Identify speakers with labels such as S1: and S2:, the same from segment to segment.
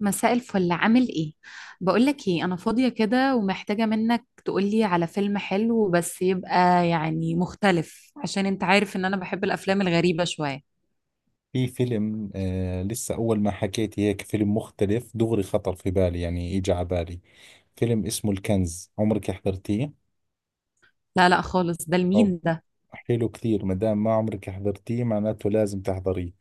S1: مساء الفل. عامل ايه؟ بقولك ايه، انا فاضية كده ومحتاجة منك تقولي على فيلم حلو، بس يبقى يعني مختلف عشان انت عارف ان انا بحب الافلام الغريبة شوية.
S2: في فيلم لسه أول ما حكيت هيك فيلم مختلف دغري خطر في بالي، يعني إجا على بالي. فيلم اسمه الكنز، عمرك حضرتيه؟
S1: لا لا خالص، ده
S2: أو
S1: المين ده؟
S2: حلو كثير، ما دام ما عمرك حضرتيه معناته لازم تحضريه.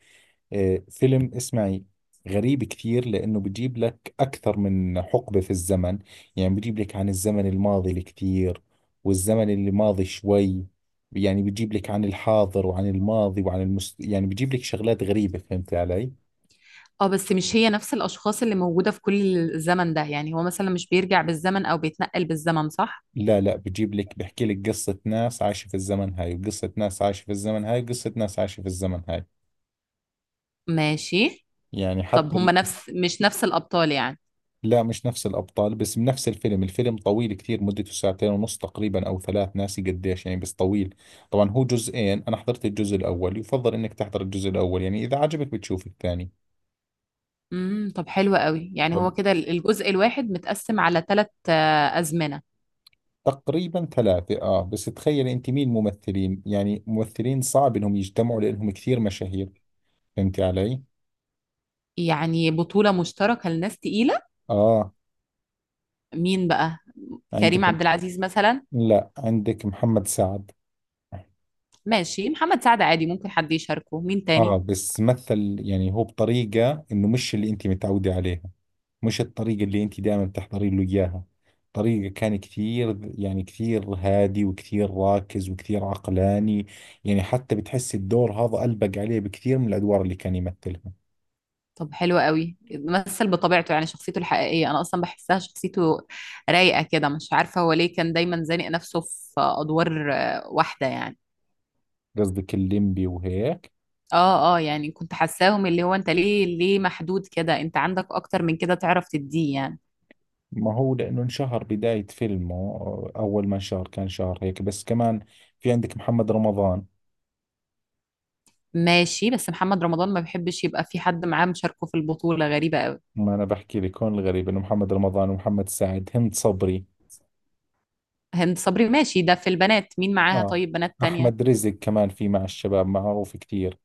S2: فيلم، اسمعي، غريب كثير لأنه بجيب لك أكثر من حقبة في الزمن. يعني بجيب لك عن الزمن الماضي الكثير، والزمن اللي ماضي شوي. يعني بجيب لك عن الحاضر وعن الماضي يعني بجيب لك شغلات غريبة، فهمت علي؟
S1: اه، بس مش هي نفس الاشخاص اللي موجودة في كل الزمن ده؟ يعني هو مثلا مش بيرجع بالزمن او بيتنقل بالزمن، صح؟
S2: لا، لا، بجيب لك بحكي لك قصة ناس عايشة في الزمن هاي، وقصة ناس عايشة في الزمن هاي، وقصة ناس عايشة في الزمن هاي.
S1: ماشي.
S2: يعني
S1: طب
S2: حتى
S1: هما مش نفس الابطال يعني؟
S2: لا، مش نفس الأبطال بس بنفس الفيلم طويل كتير، مدته ساعتين ونص تقريبا أو ثلاث، ناسي قديش، يعني بس طويل. طبعا هو جزئين. أنا حضرت الجزء الأول. يفضل إنك تحضر الجزء الأول، يعني إذا عجبك بتشوف الثاني.
S1: طب حلو قوي، يعني هو
S2: طب،
S1: كده الجزء الواحد متقسم على ثلاث ازمنة؟
S2: تقريبا ثلاثة. بس تخيل أنت مين ممثلين، يعني ممثلين صعب إنهم يجتمعوا لأنهم كثير مشاهير، فهمتي علي؟
S1: يعني بطولة مشتركة لناس تقيلة؟
S2: آه.
S1: مين بقى؟ كريم
S2: عندكم.
S1: عبد العزيز مثلا؟
S2: لا، عندك محمد سعد.
S1: ماشي، محمد سعد عادي. ممكن حد يشاركه؟ مين
S2: اه،
S1: تاني؟
S2: بس مثل، يعني هو بطريقة انه مش اللي انت متعودة عليها. مش الطريقة اللي انت دائما بتحضري له اياها. طريقة كان كثير، يعني كثير هادي وكثير راكز وكثير عقلاني. يعني حتى بتحس الدور هذا ألبق عليه بكثير من الأدوار اللي كان يمثلها.
S1: طب حلو قوي، مثل بطبيعته، يعني شخصيته الحقيقية أنا أصلا بحسها شخصيته رايقة كده. مش عارفة هو ليه كان دايما زانق نفسه في أدوار واحدة يعني.
S2: قصدك الليمبي وهيك؟
S1: اه اه، يعني كنت حاساهم اللي هو انت ليه محدود كده، انت عندك اكتر من كده تعرف تديه يعني.
S2: ما هو لأنه انشهر بداية فيلمه. أول ما انشهر كان شهر هيك بس، كمان في عندك محمد رمضان.
S1: ماشي، بس محمد رمضان ما بيحبش يبقى في حد معاه مشاركه في البطولة. غريبة قوي.
S2: ما انا بحكي لك، هون الغريب انه محمد رمضان ومحمد سعد هند صبري.
S1: هند صبري، ماشي. ده في البنات مين معاها؟
S2: اه،
S1: طيب بنات تانية؟
S2: احمد رزق كمان في مع الشباب، معروف كثير.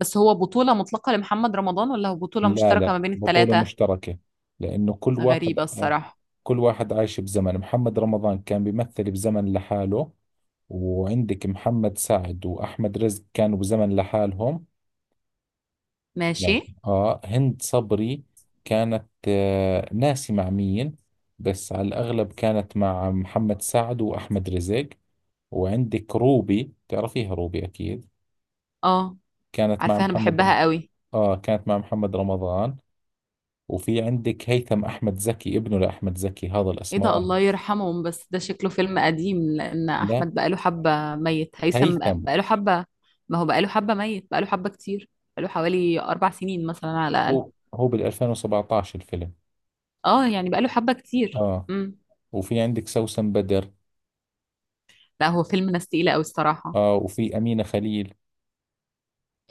S1: بس هو بطولة مطلقة لمحمد رمضان ولا هو بطولة
S2: لا،
S1: مشتركة
S2: لا،
S1: ما بين
S2: بطولة
S1: التلاتة؟
S2: مشتركة. لانه كل واحد،
S1: غريبة الصراحة.
S2: كل واحد عايش بزمن. محمد رمضان كان بيمثل بزمن لحاله. وعندك محمد سعد واحمد رزق كانوا بزمن لحالهم.
S1: ماشي.
S2: يعني هند صبري كانت، ناسي مع مين، بس على الاغلب كانت مع محمد سعد واحمد رزق. وعندك روبي، تعرفيها روبي أكيد.
S1: اه،
S2: كانت مع
S1: عارفاها، انا
S2: محمد رم-
S1: بحبها قوي.
S2: كانت مع محمد رمضان. وفي عندك هيثم أحمد زكي، ابنه لأحمد زكي، هذا
S1: ايه ده،
S2: الأسمراني.
S1: الله يرحمهم. بس ده شكله فيلم قديم، لان
S2: لا،
S1: احمد بقاله حبة ميت، هيثم
S2: هيثم.
S1: بقاله حبة. ما هو بقاله حبة ميت، بقاله حبة كتير. بقاله حوالي 4 سنين مثلا على الاقل.
S2: هو بال 2017 الفيلم.
S1: اه، يعني بقاله حبة كتير
S2: آه.
S1: امم
S2: وفي عندك سوسن بدر.
S1: لا، هو فيلم ناس تقيلة قوي الصراحة.
S2: آه. وفي أمينة خليل.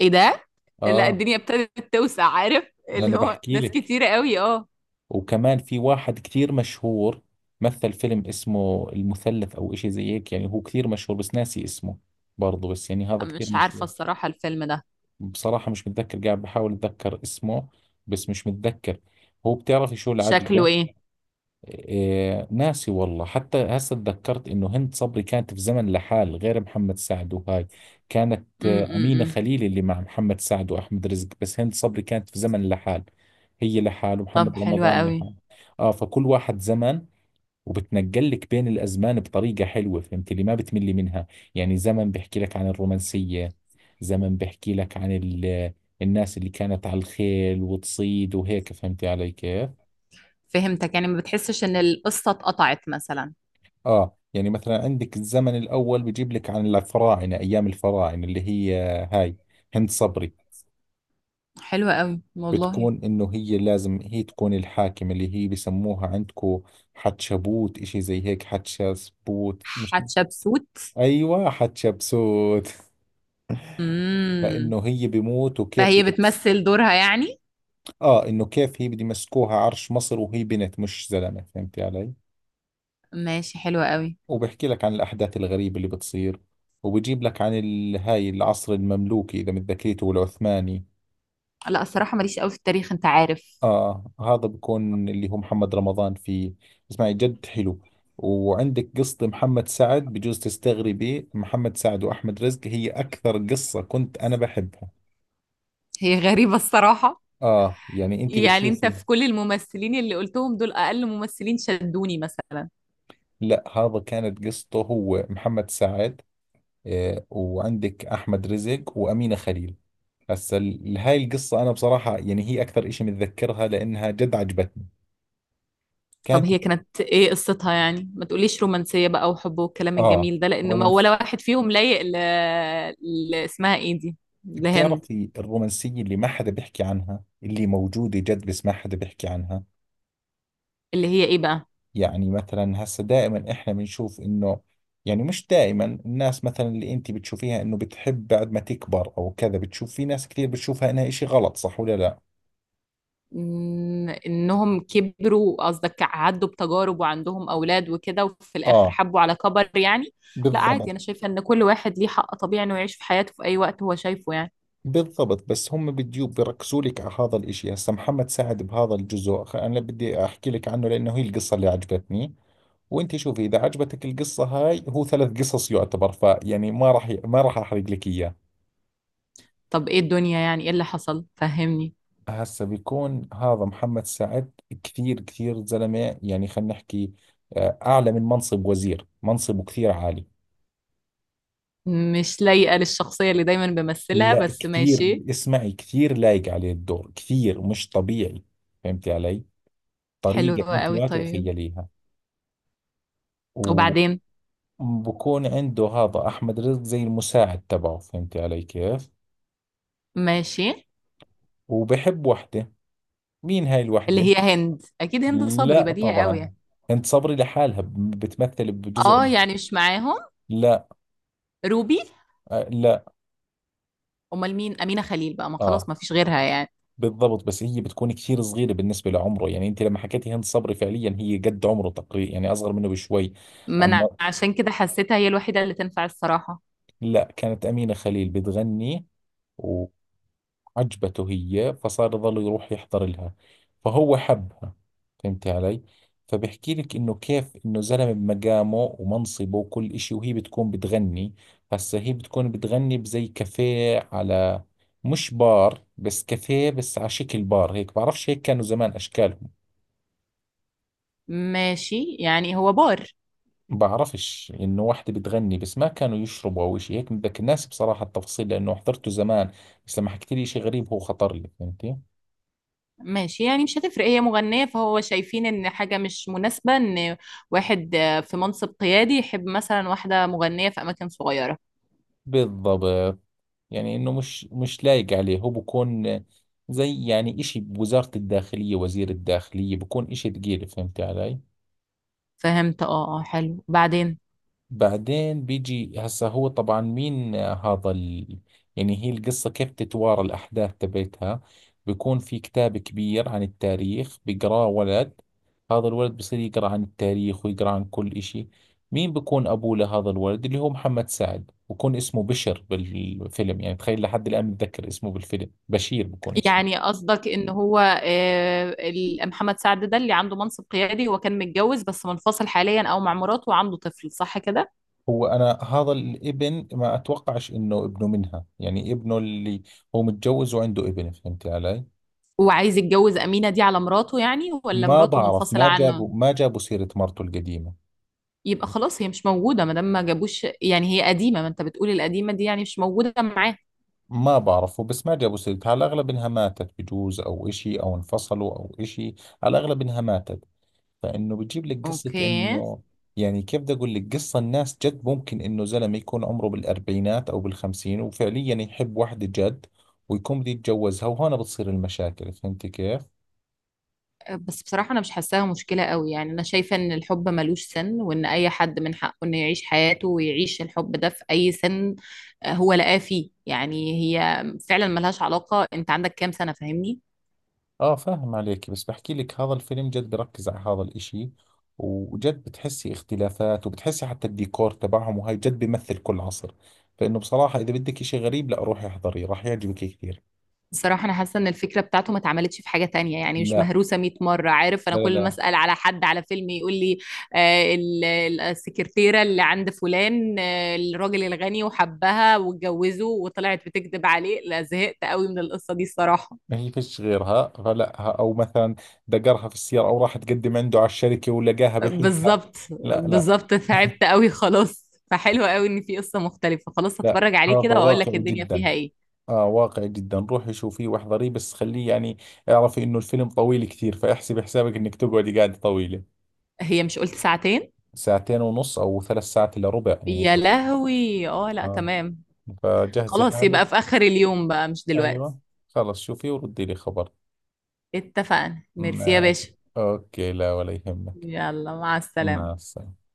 S1: ايه ده؟ لا،
S2: آه.
S1: الدنيا ابتدت توسع، عارف
S2: ما
S1: اللي
S2: أنا
S1: هو
S2: بحكي
S1: ناس
S2: لك.
S1: كتيرة قوي، اه.
S2: وكمان في واحد كثير مشهور. مثل فيلم اسمه المثلث أو إشي زي هيك، يعني هو كثير مشهور بس ناسي اسمه. برضه، بس يعني هذا كثير
S1: مش عارفة
S2: مشهور.
S1: الصراحة الفيلم ده
S2: بصراحة مش متذكر، قاعد بحاول أتذكر اسمه. بس مش متذكر. هو بتعرفي شو
S1: شكله
S2: العجقة.
S1: ايه.
S2: إيه، ناسي والله. حتى هسه تذكرت إنه هند صبري كانت في زمن لحال غير محمد سعد وهاي. كانت أمينة
S1: امم
S2: خليل اللي مع محمد سعد وأحمد رزق. بس هند صبري كانت في زمن لحال. هي لحال،
S1: طب
S2: ومحمد
S1: حلوة
S2: رمضان لحال.
S1: قوي.
S2: فكل واحد زمن. وبتنقلك بين الأزمان بطريقة حلوة، فهمت اللي ما بتملي منها. يعني زمن بحكي لك عن الرومانسية. زمن بحكي لك الناس اللي كانت على الخيل وتصيد وهيك، فهمتي علي كيف؟
S1: فهمتك. يعني ما بتحسش ان القصة اتقطعت مثلا؟
S2: آه. يعني مثلا عندك الزمن الأول بجيب لك عن الفراعنة، أيام الفراعنة اللي هي، هاي، هند صبري،
S1: حلوة قوي والله.
S2: بتكون إنه هي لازم هي تكون الحاكمة اللي هي بسموها عندكو حتشبوت، إشي زي هيك، حتشبسوت، مش؟
S1: حتشبسوت.
S2: أيوة، حتشبسوت.
S1: امم
S2: فانه هي بيموت، وكيف
S1: فهي بتمثل دورها يعني.
S2: اه، انه كيف هي بده يمسكوها عرش مصر وهي بنت مش زلمه، فهمتي علي؟
S1: ماشي، حلوة قوي.
S2: وبحكي لك عن الاحداث الغريبه اللي بتصير. وبجيب لك هاي العصر المملوكي اذا متذكريته والعثماني.
S1: لا الصراحة ماليش قوي في التاريخ، انت عارف.
S2: اه، هذا بكون اللي هو محمد رمضان فيه. اسمعي، جد حلو. وعندك قصة محمد سعد، بجوز تستغربي، محمد سعد وأحمد رزق هي أكثر قصة كنت أنا بحبها.
S1: هي غريبة الصراحة.
S2: آه، يعني أنت
S1: يعني انت
S2: بتشوفي.
S1: في كل الممثلين اللي قلتهم دول، اقل ممثلين شدوني مثلا.
S2: لا، هذا كانت قصته، هو محمد سعد. وعندك احمد رزق وامينه خليل. هسا هاي القصه انا بصراحه، يعني هي اكثر إشي متذكرها لانها جد عجبتني.
S1: طب
S2: كانت.
S1: هي كانت ايه قصتها؟ يعني ما تقوليش رومانسية بقى وحب والكلام
S2: اه،
S1: الجميل ده، لان ما ولا
S2: رومانس.
S1: واحد فيهم لايق اسمها ايه دي، لهند.
S2: بتعرفي الرومانسيه اللي ما حدا بيحكي عنها، اللي موجوده جد بس ما حدا بيحكي عنها.
S1: اللي هي ايه بقى؟
S2: يعني مثلا، هسا دائما احنا بنشوف انه، يعني مش دائما. الناس مثلا اللي انت بتشوفيها انه بتحب بعد ما تكبر او كذا، بتشوف في ناس كثير بتشوفها انها إشي غلط، صح ولا لا؟
S1: انهم كبروا قصدك؟ عدوا بتجارب وعندهم اولاد وكده وفي الاخر
S2: اه.
S1: حبوا على كبر يعني؟ لا عادي،
S2: بالضبط.
S1: انا شايفة ان كل واحد ليه حق طبيعي انه يعيش في حياته في اي وقت هو شايفه يعني.
S2: بالضبط، بس هم بديوب بيركزوا لك على هذا الاشي. هسا محمد سعد بهذا الجزء انا بدي احكي لك عنه لانه هي القصة اللي عجبتني. وانت شوفي اذا عجبتك القصة هاي، هو ثلاث قصص يعتبر، فيعني ما راح ما راح احرق لك اياه.
S1: طب ايه الدنيا؟ يعني ايه اللي حصل؟ فهمني.
S2: هسا بيكون هذا محمد سعد. كثير كثير زلمة، يعني خلينا نحكي، اعلى من منصب وزير، منصبه كثير عالي.
S1: مش لايقة للشخصية اللي دايما بمثلها،
S2: لا،
S1: بس
S2: كثير.
S1: ماشي.
S2: اسمعي، كثير لايق عليه الدور، كثير مش طبيعي. فهمتي علي؟
S1: حلو
S2: طريقة انت
S1: قوي،
S2: ما
S1: طيب،
S2: تتخيليها.
S1: وبعدين؟
S2: بكون عنده هذا أحمد رزق زي المساعد تبعه، فهمتي علي كيف؟
S1: ماشي.
S2: وبحب وحدة. مين هاي
S1: اللي
S2: الوحدة؟
S1: هي هند، اكيد هند صبري
S2: لا،
S1: بديهة قوي
S2: طبعا.
S1: يعني.
S2: انت صبري لحالها بتمثل بجزء.
S1: اه يعني مش معاهم؟
S2: لا.
S1: روبي؟
S2: آه، لا.
S1: امال مين؟ امينة خليل بقى؟ ما
S2: اه،
S1: خلاص ما فيش غيرها يعني.
S2: بالضبط. بس هي بتكون كثير صغيرة بالنسبة لعمره. يعني انت لما حكيتي هند صبري فعليا هي قد عمره تقريبا، يعني اصغر منه بشوي.
S1: ما انا
S2: اما،
S1: عشان كده حسيتها هي الوحيدة اللي تنفع الصراحة.
S2: لا، كانت أمينة خليل بتغني و... عجبته هي، فصار يظل يروح يحضر لها. فهو حبها. فهمتي علي؟ فبحكي لك انه كيف انه زلمه بمقامه ومنصبه وكل اشي، وهي بتكون بتغني. هسا هي بتكون بتغني بزي كافيه، على، مش بار، بس كافيه بس على شكل بار هيك، بعرفش هيك كانوا زمان اشكالهم.
S1: ماشي، يعني هو بار.
S2: بعرفش، انه واحدة بتغني بس ما كانوا يشربوا او اشي هيك بتذكر، الناس بصراحة التفاصيل لانه حضرته زمان. بس لما حكيت لي اشي غريب، هو خطر لي، فهمتي؟
S1: ماشي، يعني مش هتفرق هي مغنية، فهو شايفين ان حاجة مش مناسبة ان واحد في منصب قيادي يحب مثلا واحدة مغنية في اماكن صغيرة.
S2: بالضبط. يعني انه مش لايق عليه، هو بكون زي يعني اشي بوزارة الداخلية، وزير الداخلية بكون اشي ثقيل، فهمت علي؟
S1: فهمت، اه اه، حلو، بعدين؟
S2: بعدين بيجي هسه، هو طبعا مين، يعني هي القصة، كيف تتوارى الأحداث تبعتها. بيكون في كتاب كبير عن التاريخ بيقراه ولد. هذا الولد بصير يقرأ عن التاريخ ويقرأ عن كل إشي. مين بيكون أبوه لهذا الولد؟ اللي هو محمد سعد، بكون اسمه بشر بالفيلم، يعني تخيل لحد الآن متذكر اسمه بالفيلم بشير بكون اسمه.
S1: يعني قصدك ان هو محمد سعد ده اللي عنده منصب قيادي، هو كان متجوز بس منفصل حاليا او مع مراته وعنده طفل، صح كده؟
S2: هو أنا هذا الابن ما أتوقعش إنه ابنه منها، يعني ابنه اللي هو متجوز وعنده ابن، فهمت علي؟
S1: وعايز يتجوز أمينة دي على مراته يعني؟ ولا
S2: ما
S1: مراته
S2: بعرف،
S1: منفصلة
S2: ما
S1: عنه؟
S2: جابوا ما جابوا سيرة مرته القديمة.
S1: يبقى خلاص، هي مش موجودة ما دام ما جابوش يعني، هي قديمة. ما انت بتقول القديمة دي يعني مش موجودة معاه.
S2: ما بعرفه، بس ما جابوا سيرتها. على الأغلب إنها ماتت بجوز، أو إشي، أو انفصلوا، أو إشي. على الأغلب إنها ماتت. فإنه بجيب لك قصة
S1: اوكي.
S2: إنه، يعني كيف بدي أقول لك، قصة الناس جد ممكن إنه زلمة يكون عمره بالأربعينات أو بالخمسين وفعليا يحب واحدة جد، ويكون بده يتجوزها، وهون بتصير المشاكل، فهمتي كيف؟
S1: بس بصراحة أنا مش حاساها مشكلة قوي. يعني أنا شايفة إن الحب ملوش سن، وإن أي حد من حقه إنه يعيش حياته ويعيش الحب ده في أي سن. هو لقاه فيه يعني. هي فعلا ملهاش علاقة أنت عندك كام سنة، فاهمني.
S2: اه، فاهم عليك. بس بحكي لك هذا الفيلم جد بركز على هذا الاشي. وجد بتحسي اختلافات، وبتحسي حتى الديكور تبعهم وهاي جد بيمثل كل عصر. فانه بصراحة اذا بدك اشي غريب، لا، روحي احضريه، راح يعجبك كثير.
S1: بصراحة أنا حاسة إن الفكرة بتاعته ما اتعملتش في حاجة تانية، يعني مش
S2: لا.
S1: مهروسة 100 مرة. عارف أنا
S2: لا، لا،
S1: كل ما
S2: لا.
S1: أسأل على حد على فيلم يقول لي السكرتيرة اللي عند فلان، الراجل الغني، وحبها واتجوزه وطلعت بتكذب عليه. لا، زهقت قوي من القصة دي الصراحة.
S2: ما هي فيش غيرها، فلا، او مثلا دقرها في السيارة، او راح تقدم عنده على الشركة ولقاها بحبها.
S1: بالظبط.
S2: لا، لا.
S1: بالظبط، تعبت قوي خلاص. فحلو قوي ان في قصة مختلفة. خلاص
S2: لا،
S1: هتفرج
S2: هذا
S1: عليه كده واقول لك
S2: واقعي
S1: الدنيا
S2: جدا.
S1: فيها ايه.
S2: اه، واقعي جدا. روحي شوفيه واحضريه، بس خليه يعني اعرفي انه الفيلم طويل كثير، فاحسبي حسابك انك تقعدي قاعدة طويلة.
S1: هي مش قلت ساعتين؟
S2: ساعتين ونص او ثلاث ساعات الا ربع، يعني.
S1: يا لهوي، اه، لا
S2: اه،
S1: تمام.
S2: فجهزي
S1: خلاص،
S2: حالك.
S1: يبقى في اخر اليوم بقى مش دلوقتي.
S2: ايوه. خلص، شوفي وردي لي خبر.
S1: اتفقنا، ميرسي يا
S2: ماشي.
S1: باشا.
S2: اوكي، لا ولا يهمك.
S1: يلا، مع
S2: مع
S1: السلامة.
S2: السلامة.